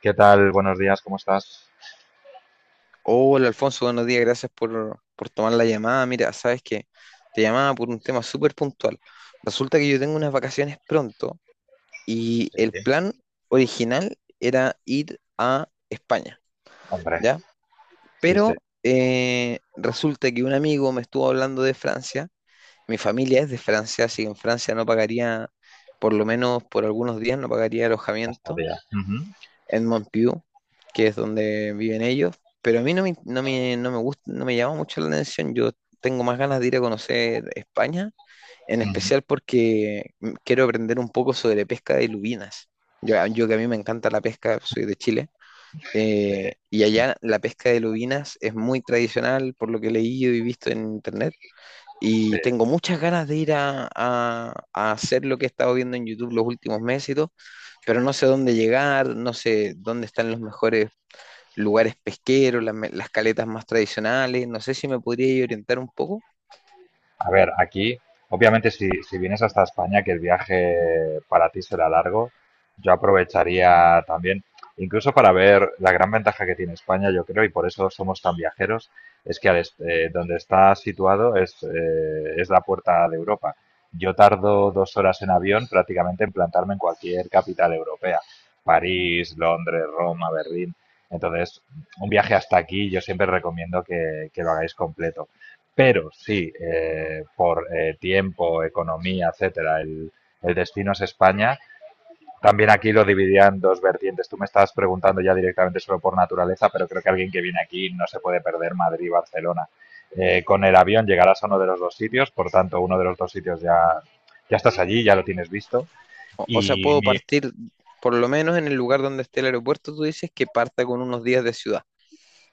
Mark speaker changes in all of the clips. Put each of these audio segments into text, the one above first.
Speaker 1: ¿Qué tal? Buenos días, ¿cómo estás?
Speaker 2: Hola Alfonso, buenos días, gracias por tomar la llamada. Mira, sabes que te llamaba por un tema súper puntual. Resulta que yo tengo unas vacaciones pronto y
Speaker 1: Sí.
Speaker 2: el plan original era ir a España,
Speaker 1: Hombre,
Speaker 2: ¿ya?
Speaker 1: sí, sí.
Speaker 2: Pero resulta que un amigo me estuvo hablando de Francia, mi familia es de Francia, así que en Francia no pagaría, por lo menos por algunos días no pagaría
Speaker 1: Hasta
Speaker 2: alojamiento.
Speaker 1: día. Ujú,
Speaker 2: Edmond Pugh, que es donde viven ellos, pero a mí no me gusta, no me llama mucho la atención. Yo tengo más ganas de ir a conocer España, en
Speaker 1: ujú.
Speaker 2: especial porque quiero aprender un poco sobre pesca de lubinas. Yo que a mí me encanta la pesca, soy de Chile,
Speaker 1: Sí,
Speaker 2: y allá la pesca de lubinas es muy tradicional por lo que he leído y visto en internet.
Speaker 1: sí.
Speaker 2: Y tengo muchas ganas de ir a hacer lo que he estado viendo en YouTube los últimos meses y todo, pero no sé dónde llegar, no sé dónde están los mejores lugares pesqueros, las caletas más tradicionales, no sé si me podría orientar un poco.
Speaker 1: A ver, aquí, obviamente, si vienes hasta España, que el viaje para ti será largo, yo aprovecharía también, incluso para ver la gran ventaja que tiene España, yo creo, y por eso somos tan viajeros, es que donde está situado es la puerta de Europa. Yo tardo 2 horas en avión prácticamente en plantarme en cualquier capital europea, París, Londres, Roma, Berlín. Entonces, un viaje hasta aquí yo siempre recomiendo que lo hagáis completo. Pero si por tiempo, economía, etcétera, el destino es España, también aquí lo dividían en dos vertientes. Tú me estabas preguntando ya directamente solo por naturaleza, pero creo que alguien que viene aquí no se puede perder Madrid y Barcelona. Con el avión llegarás a uno de los dos sitios, por tanto, uno de los dos sitios ya, ya estás allí, ya lo tienes visto.
Speaker 2: O sea,
Speaker 1: Y
Speaker 2: puedo
Speaker 1: mi,
Speaker 2: partir, por lo menos en el lugar donde esté el aeropuerto, tú dices que parta con unos días de ciudad.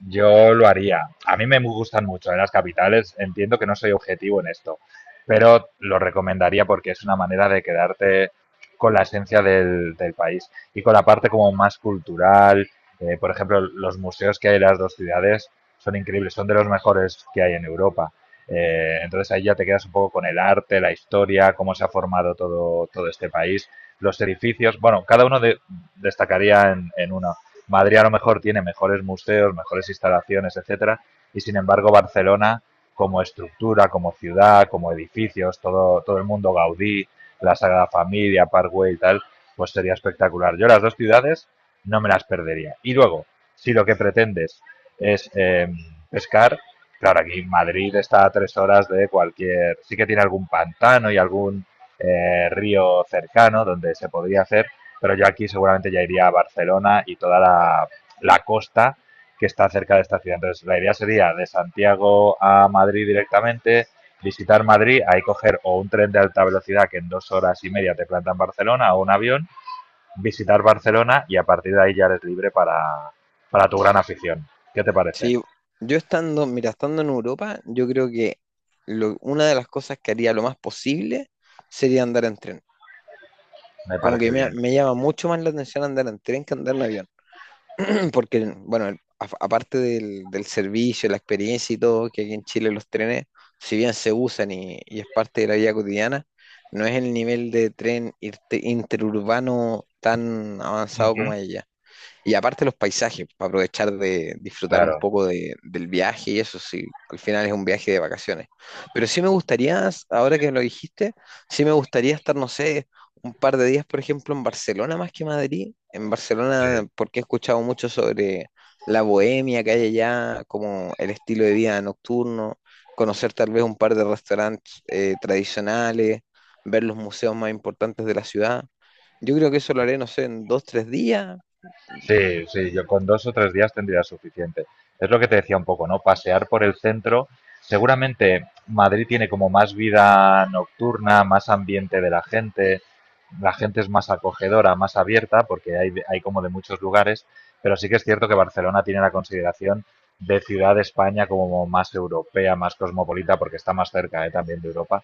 Speaker 1: yo lo haría. A mí me gustan mucho en las capitales. Entiendo que no soy objetivo en esto, pero lo recomendaría porque es una manera de quedarte con la esencia del país y con la parte como más cultural. Por ejemplo, los museos que hay en las dos ciudades son increíbles, son de los mejores que hay en Europa. Entonces ahí ya te quedas un poco con el arte, la historia, cómo se ha formado todo, todo este país, los edificios. Bueno, cada uno destacaría en una. Madrid a lo mejor tiene mejores museos, mejores instalaciones, etcétera, y sin embargo Barcelona como estructura, como ciudad, como edificios, todo, todo el mundo Gaudí, la Sagrada Familia, Parkway y tal, pues sería espectacular. Yo las dos ciudades no me las perdería. Y luego, si lo que pretendes es pescar, claro, aquí Madrid está a 3 horas de cualquier, sí que tiene algún pantano y algún río cercano donde se podría hacer, pero yo aquí seguramente ya iría a Barcelona y toda la costa que está cerca de esta ciudad. Entonces, la idea sería de Santiago a Madrid directamente, visitar Madrid, ahí coger o un tren de alta velocidad que en 2 horas y media te planta en Barcelona o un avión, visitar Barcelona y a partir de ahí ya eres libre para tu gran afición. ¿Qué te parece?
Speaker 2: Sí, yo estando, mira, estando en Europa, yo creo que una de las cosas que haría lo más posible sería andar en tren.
Speaker 1: Me
Speaker 2: Como que
Speaker 1: parece bien.
Speaker 2: me llama mucho más la atención andar en tren que andar en avión. Porque, bueno, aparte del servicio, la experiencia y todo, que aquí en Chile los trenes, si bien se usan y es parte de la vida cotidiana, no es el nivel de tren interurbano tan avanzado como
Speaker 1: Uh-huh.
Speaker 2: allá. Y aparte los paisajes, para aprovechar de disfrutar un
Speaker 1: Claro,
Speaker 2: poco del viaje y eso, sí, al final es un viaje de vacaciones. Pero sí me gustaría, ahora que lo dijiste, sí me gustaría estar, no sé, un par de días, por ejemplo, en Barcelona más que Madrid. En
Speaker 1: sí.
Speaker 2: Barcelona, porque he escuchado mucho sobre la bohemia que hay allá, como el estilo de vida nocturno, conocer tal vez un par de restaurantes tradicionales, ver los museos más importantes de la ciudad. Yo creo que eso lo haré, no sé, en 2, 3 días.
Speaker 1: Sí, sí, yo con 2 o 3 días tendría suficiente. Es lo que te decía un poco, ¿no? Pasear por el centro. Seguramente Madrid tiene como más vida nocturna, más ambiente de la gente es más acogedora, más abierta, porque hay como de muchos lugares, pero sí que es cierto que Barcelona tiene la consideración de ciudad de España como más europea, más cosmopolita, porque está más cerca, ¿eh? También de Europa,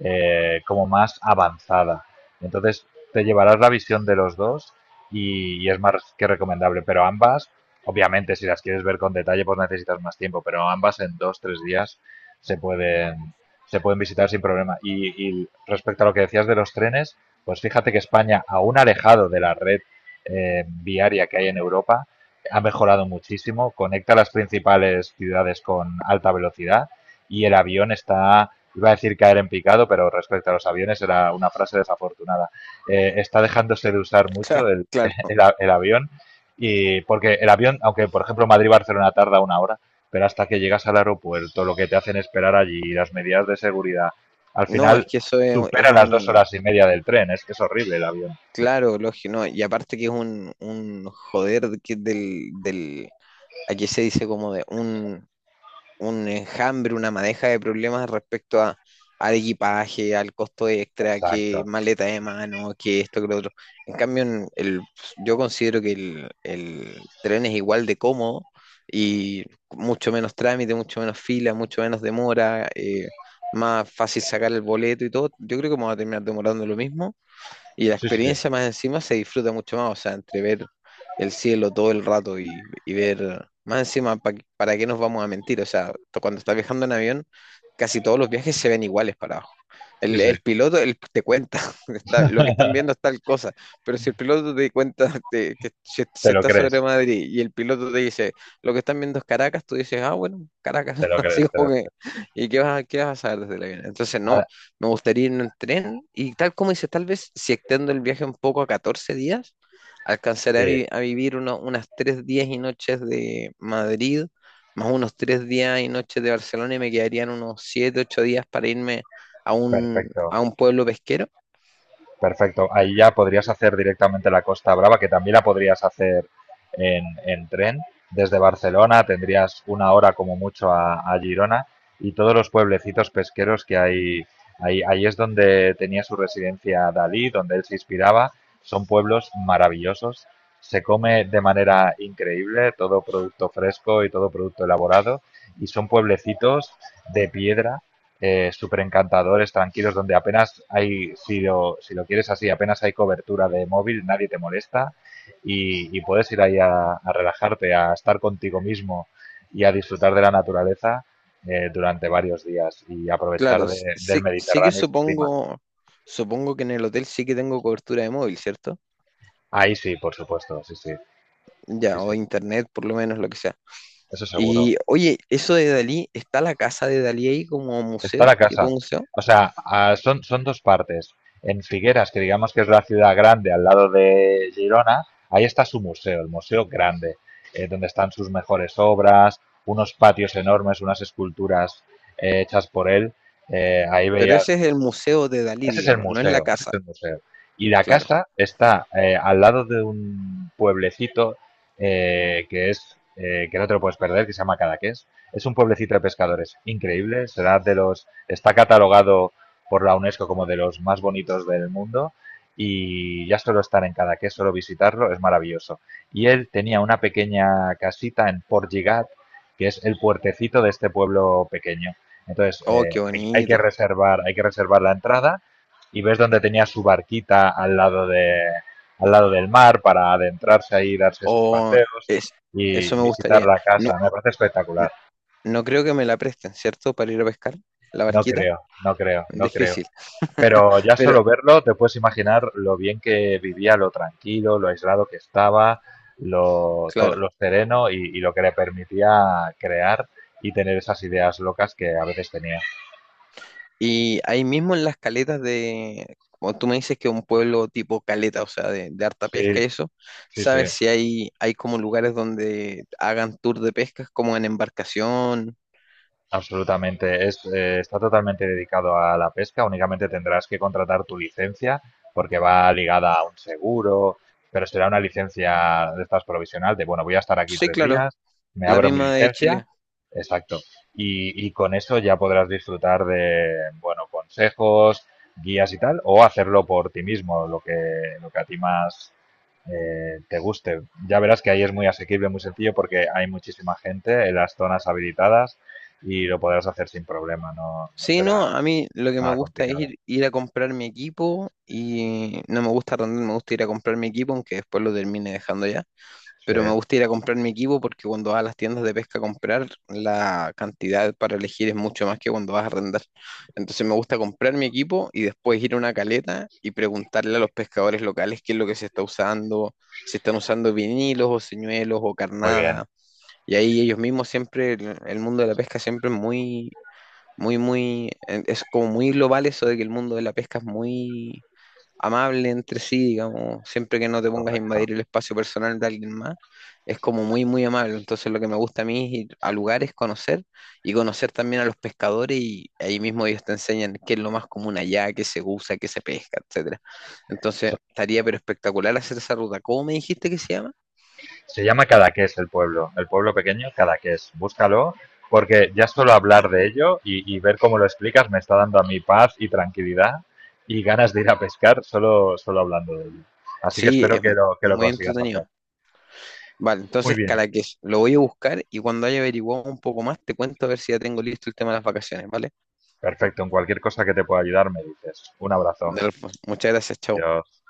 Speaker 1: como más avanzada. Entonces, te llevarás la visión de los dos y es más que recomendable. Pero ambas, obviamente, si las quieres ver con detalle, pues necesitas más tiempo, pero ambas en 2, 3 días se pueden, se pueden visitar sin problema. Y respecto a lo que decías de los trenes, pues fíjate que España, aún alejado de la red viaria que hay en Europa, ha mejorado muchísimo, conecta las principales ciudades con alta velocidad y el avión está, iba a decir caer en picado, pero respecto a los aviones era una frase desafortunada. Está dejándose de usar
Speaker 2: Claro,
Speaker 1: mucho el,
Speaker 2: claro.
Speaker 1: el, el avión. Y porque el avión, aunque por ejemplo Madrid-Barcelona tarda 1 hora, pero hasta que llegas al aeropuerto, lo que te hacen esperar allí, las medidas de seguridad, al
Speaker 2: No, es
Speaker 1: final
Speaker 2: que eso es,
Speaker 1: supera las dos horas y media del tren. Es que es horrible el avión.
Speaker 2: claro, lógico, no, y aparte que es un joder aquí se dice como de un enjambre, una madeja de problemas respecto a, al equipaje, al costo extra, que
Speaker 1: Exacto.
Speaker 2: maleta de mano, que esto, que lo otro. En cambio, yo considero que el tren es igual de cómodo y mucho menos trámite, mucho menos fila, mucho menos demora, más fácil sacar el boleto y todo. Yo creo que vamos a terminar demorando lo mismo y la
Speaker 1: Sí, sí,
Speaker 2: experiencia más encima se disfruta mucho más, o sea, entre ver el cielo todo el rato y ver más encima, ¿para qué nos vamos a mentir? O sea, cuando estás viajando en avión, casi todos los viajes se ven iguales para abajo.
Speaker 1: sí,
Speaker 2: El,
Speaker 1: sí.
Speaker 2: el piloto te cuenta, está, lo que están viendo es tal cosa, pero si el piloto te cuenta de que se
Speaker 1: Te lo
Speaker 2: está sobre
Speaker 1: crees,
Speaker 2: Madrid y el piloto te dice, lo que están viendo es Caracas, tú dices, ah, bueno, Caracas,
Speaker 1: te lo
Speaker 2: así
Speaker 1: crees, te lo
Speaker 2: como que,
Speaker 1: crees.
Speaker 2: ¿y qué qué vas a saber desde el avión? Entonces,
Speaker 1: Ah,
Speaker 2: no, me gustaría ir en tren y tal como dices, tal vez si extendo el viaje un poco a 14 días, alcanzaré a,
Speaker 1: sí,
Speaker 2: a vivir unas 3 días y noches de Madrid, más unos 3 días y noches de Barcelona y me quedarían unos 7 u 8 días para irme
Speaker 1: perfecto.
Speaker 2: a un pueblo pesquero.
Speaker 1: Perfecto. Ahí ya podrías hacer directamente la Costa Brava, que también la podrías hacer en tren. Desde Barcelona tendrías 1 hora como mucho a Girona y todos los pueblecitos pesqueros que hay. Ahí, ahí es donde tenía su residencia Dalí, donde él se inspiraba. Son pueblos maravillosos. Se come de manera increíble todo producto fresco y todo producto elaborado. Y son pueblecitos de piedra súper encantadores, tranquilos, donde apenas hay, si lo, si lo quieres así, apenas hay cobertura de móvil, nadie te molesta y puedes ir ahí a relajarte, a estar contigo mismo y a disfrutar de la naturaleza durante varios días y
Speaker 2: Claro,
Speaker 1: aprovechar del
Speaker 2: sí, sí que
Speaker 1: Mediterráneo y su clima.
Speaker 2: supongo, supongo que en el hotel sí que tengo cobertura de móvil, ¿cierto?
Speaker 1: Ahí sí, por supuesto, sí, sí, sí,
Speaker 2: Ya, o
Speaker 1: sí,
Speaker 2: internet, por lo menos lo que sea.
Speaker 1: eso seguro.
Speaker 2: Y oye, eso de Dalí, ¿está la casa de Dalí ahí como
Speaker 1: Está la
Speaker 2: museo, tipo
Speaker 1: casa.
Speaker 2: museo?
Speaker 1: O sea, ah, son, son dos partes. En Figueras, que digamos que es la ciudad grande al lado de Girona, ahí está su museo, el museo grande, donde están sus mejores obras, unos patios enormes, unas esculturas hechas por él. Ahí
Speaker 2: Pero ese
Speaker 1: veías,
Speaker 2: es el museo de Dalí,
Speaker 1: ese es el
Speaker 2: digamos, no es la
Speaker 1: museo, ese es
Speaker 2: casa,
Speaker 1: el museo. Y la
Speaker 2: claro.
Speaker 1: casa está al lado de un pueblecito que es que no te lo puedes perder, que se llama Cadaqués. Es un pueblecito de pescadores increíble, será de los, está catalogado por la UNESCO como de los más bonitos del mundo y ya solo estar en Cadaqués, solo visitarlo, es maravilloso. Y él tenía una pequeña casita en Port Lligat, que es el puertecito de este pueblo pequeño. Entonces,
Speaker 2: Oh, qué
Speaker 1: hay que
Speaker 2: bonito.
Speaker 1: reservar, hay que reservar la entrada y ves donde tenía su barquita al lado, de, al lado del mar para adentrarse ahí, darse sus
Speaker 2: Oh,
Speaker 1: paseos
Speaker 2: es,
Speaker 1: y
Speaker 2: eso me
Speaker 1: visitar
Speaker 2: gustaría.
Speaker 1: la
Speaker 2: No,
Speaker 1: casa. Me parece
Speaker 2: n-
Speaker 1: espectacular.
Speaker 2: no creo que me la presten, ¿cierto? Para ir a pescar, la
Speaker 1: No
Speaker 2: barquita.
Speaker 1: creo, no creo, no creo.
Speaker 2: Difícil,
Speaker 1: Pero ya
Speaker 2: pero
Speaker 1: solo verlo te puedes imaginar lo bien que vivía, lo tranquilo, lo aislado que estaba, lo, todo,
Speaker 2: claro.
Speaker 1: lo sereno y lo que le permitía crear y tener esas ideas locas que a veces tenía.
Speaker 2: Y ahí mismo en las caletas de, como tú me dices que es un pueblo tipo caleta, o sea, de harta
Speaker 1: Sí,
Speaker 2: pesca y eso,
Speaker 1: sí, sí.
Speaker 2: ¿sabes si hay, hay como lugares donde hagan tour de pescas como en embarcación?
Speaker 1: Absolutamente, es, está totalmente dedicado a la pesca, únicamente tendrás que contratar tu licencia porque va ligada a un seguro, pero será una licencia de estas provisional, de bueno, voy a estar aquí
Speaker 2: Sí,
Speaker 1: tres
Speaker 2: claro,
Speaker 1: días, me
Speaker 2: la
Speaker 1: abro mi
Speaker 2: misma de
Speaker 1: licencia,
Speaker 2: Chile.
Speaker 1: exacto, y con eso ya podrás disfrutar de, bueno, consejos, guías y tal, o hacerlo por ti mismo, lo que a ti más te guste. Ya verás que ahí es muy asequible, muy sencillo, porque hay muchísima gente en las zonas habilitadas y lo podrás hacer sin problema, no, no
Speaker 2: Sí, no,
Speaker 1: será
Speaker 2: a mí lo que me
Speaker 1: nada
Speaker 2: gusta es
Speaker 1: complicado.
Speaker 2: ir, ir a comprar mi equipo y no me gusta arrendar, me gusta ir a comprar mi equipo, aunque después lo termine dejando ya.
Speaker 1: Sí,
Speaker 2: Pero me gusta ir a comprar mi equipo porque cuando vas a las tiendas de pesca a comprar, la cantidad para elegir es mucho más que cuando vas a arrendar. Entonces me gusta comprar mi equipo y después ir a una caleta y preguntarle a los pescadores locales qué es lo que se está usando, si están usando vinilos o señuelos o
Speaker 1: muy bien,
Speaker 2: carnada. Y ahí ellos mismos siempre, el mundo de la pesca siempre es es como muy global eso de que el mundo de la pesca es muy amable entre sí, digamos, siempre que no te pongas a
Speaker 1: correcto.
Speaker 2: invadir el espacio personal de alguien más, es como muy, muy amable. Entonces lo que me gusta a mí es ir a lugares, conocer y conocer también a los pescadores y ahí mismo ellos te enseñan qué es lo más común allá, qué se usa, qué se pesca, etcétera. Entonces
Speaker 1: So-
Speaker 2: estaría pero espectacular hacer esa ruta. ¿Cómo me dijiste que se llama?
Speaker 1: Se llama Cadaqués el pueblo pequeño Cadaqués. Búscalo porque ya solo
Speaker 2: Ya.
Speaker 1: hablar de ello y ver cómo lo explicas me está dando a mí paz y tranquilidad y ganas de ir a pescar solo, solo hablando de ello. Así que
Speaker 2: Sí,
Speaker 1: espero que
Speaker 2: es
Speaker 1: lo
Speaker 2: muy
Speaker 1: consigas hacer.
Speaker 2: entretenido. Vale,
Speaker 1: Muy
Speaker 2: entonces
Speaker 1: bien,
Speaker 2: Cadaqués, lo voy a buscar y cuando haya averiguado un poco más te cuento a ver si ya tengo listo el tema de las vacaciones, ¿vale?
Speaker 1: perfecto. En cualquier cosa que te pueda ayudar me dices. Un abrazo.
Speaker 2: Delfo, muchas gracias, chao.
Speaker 1: Adiós.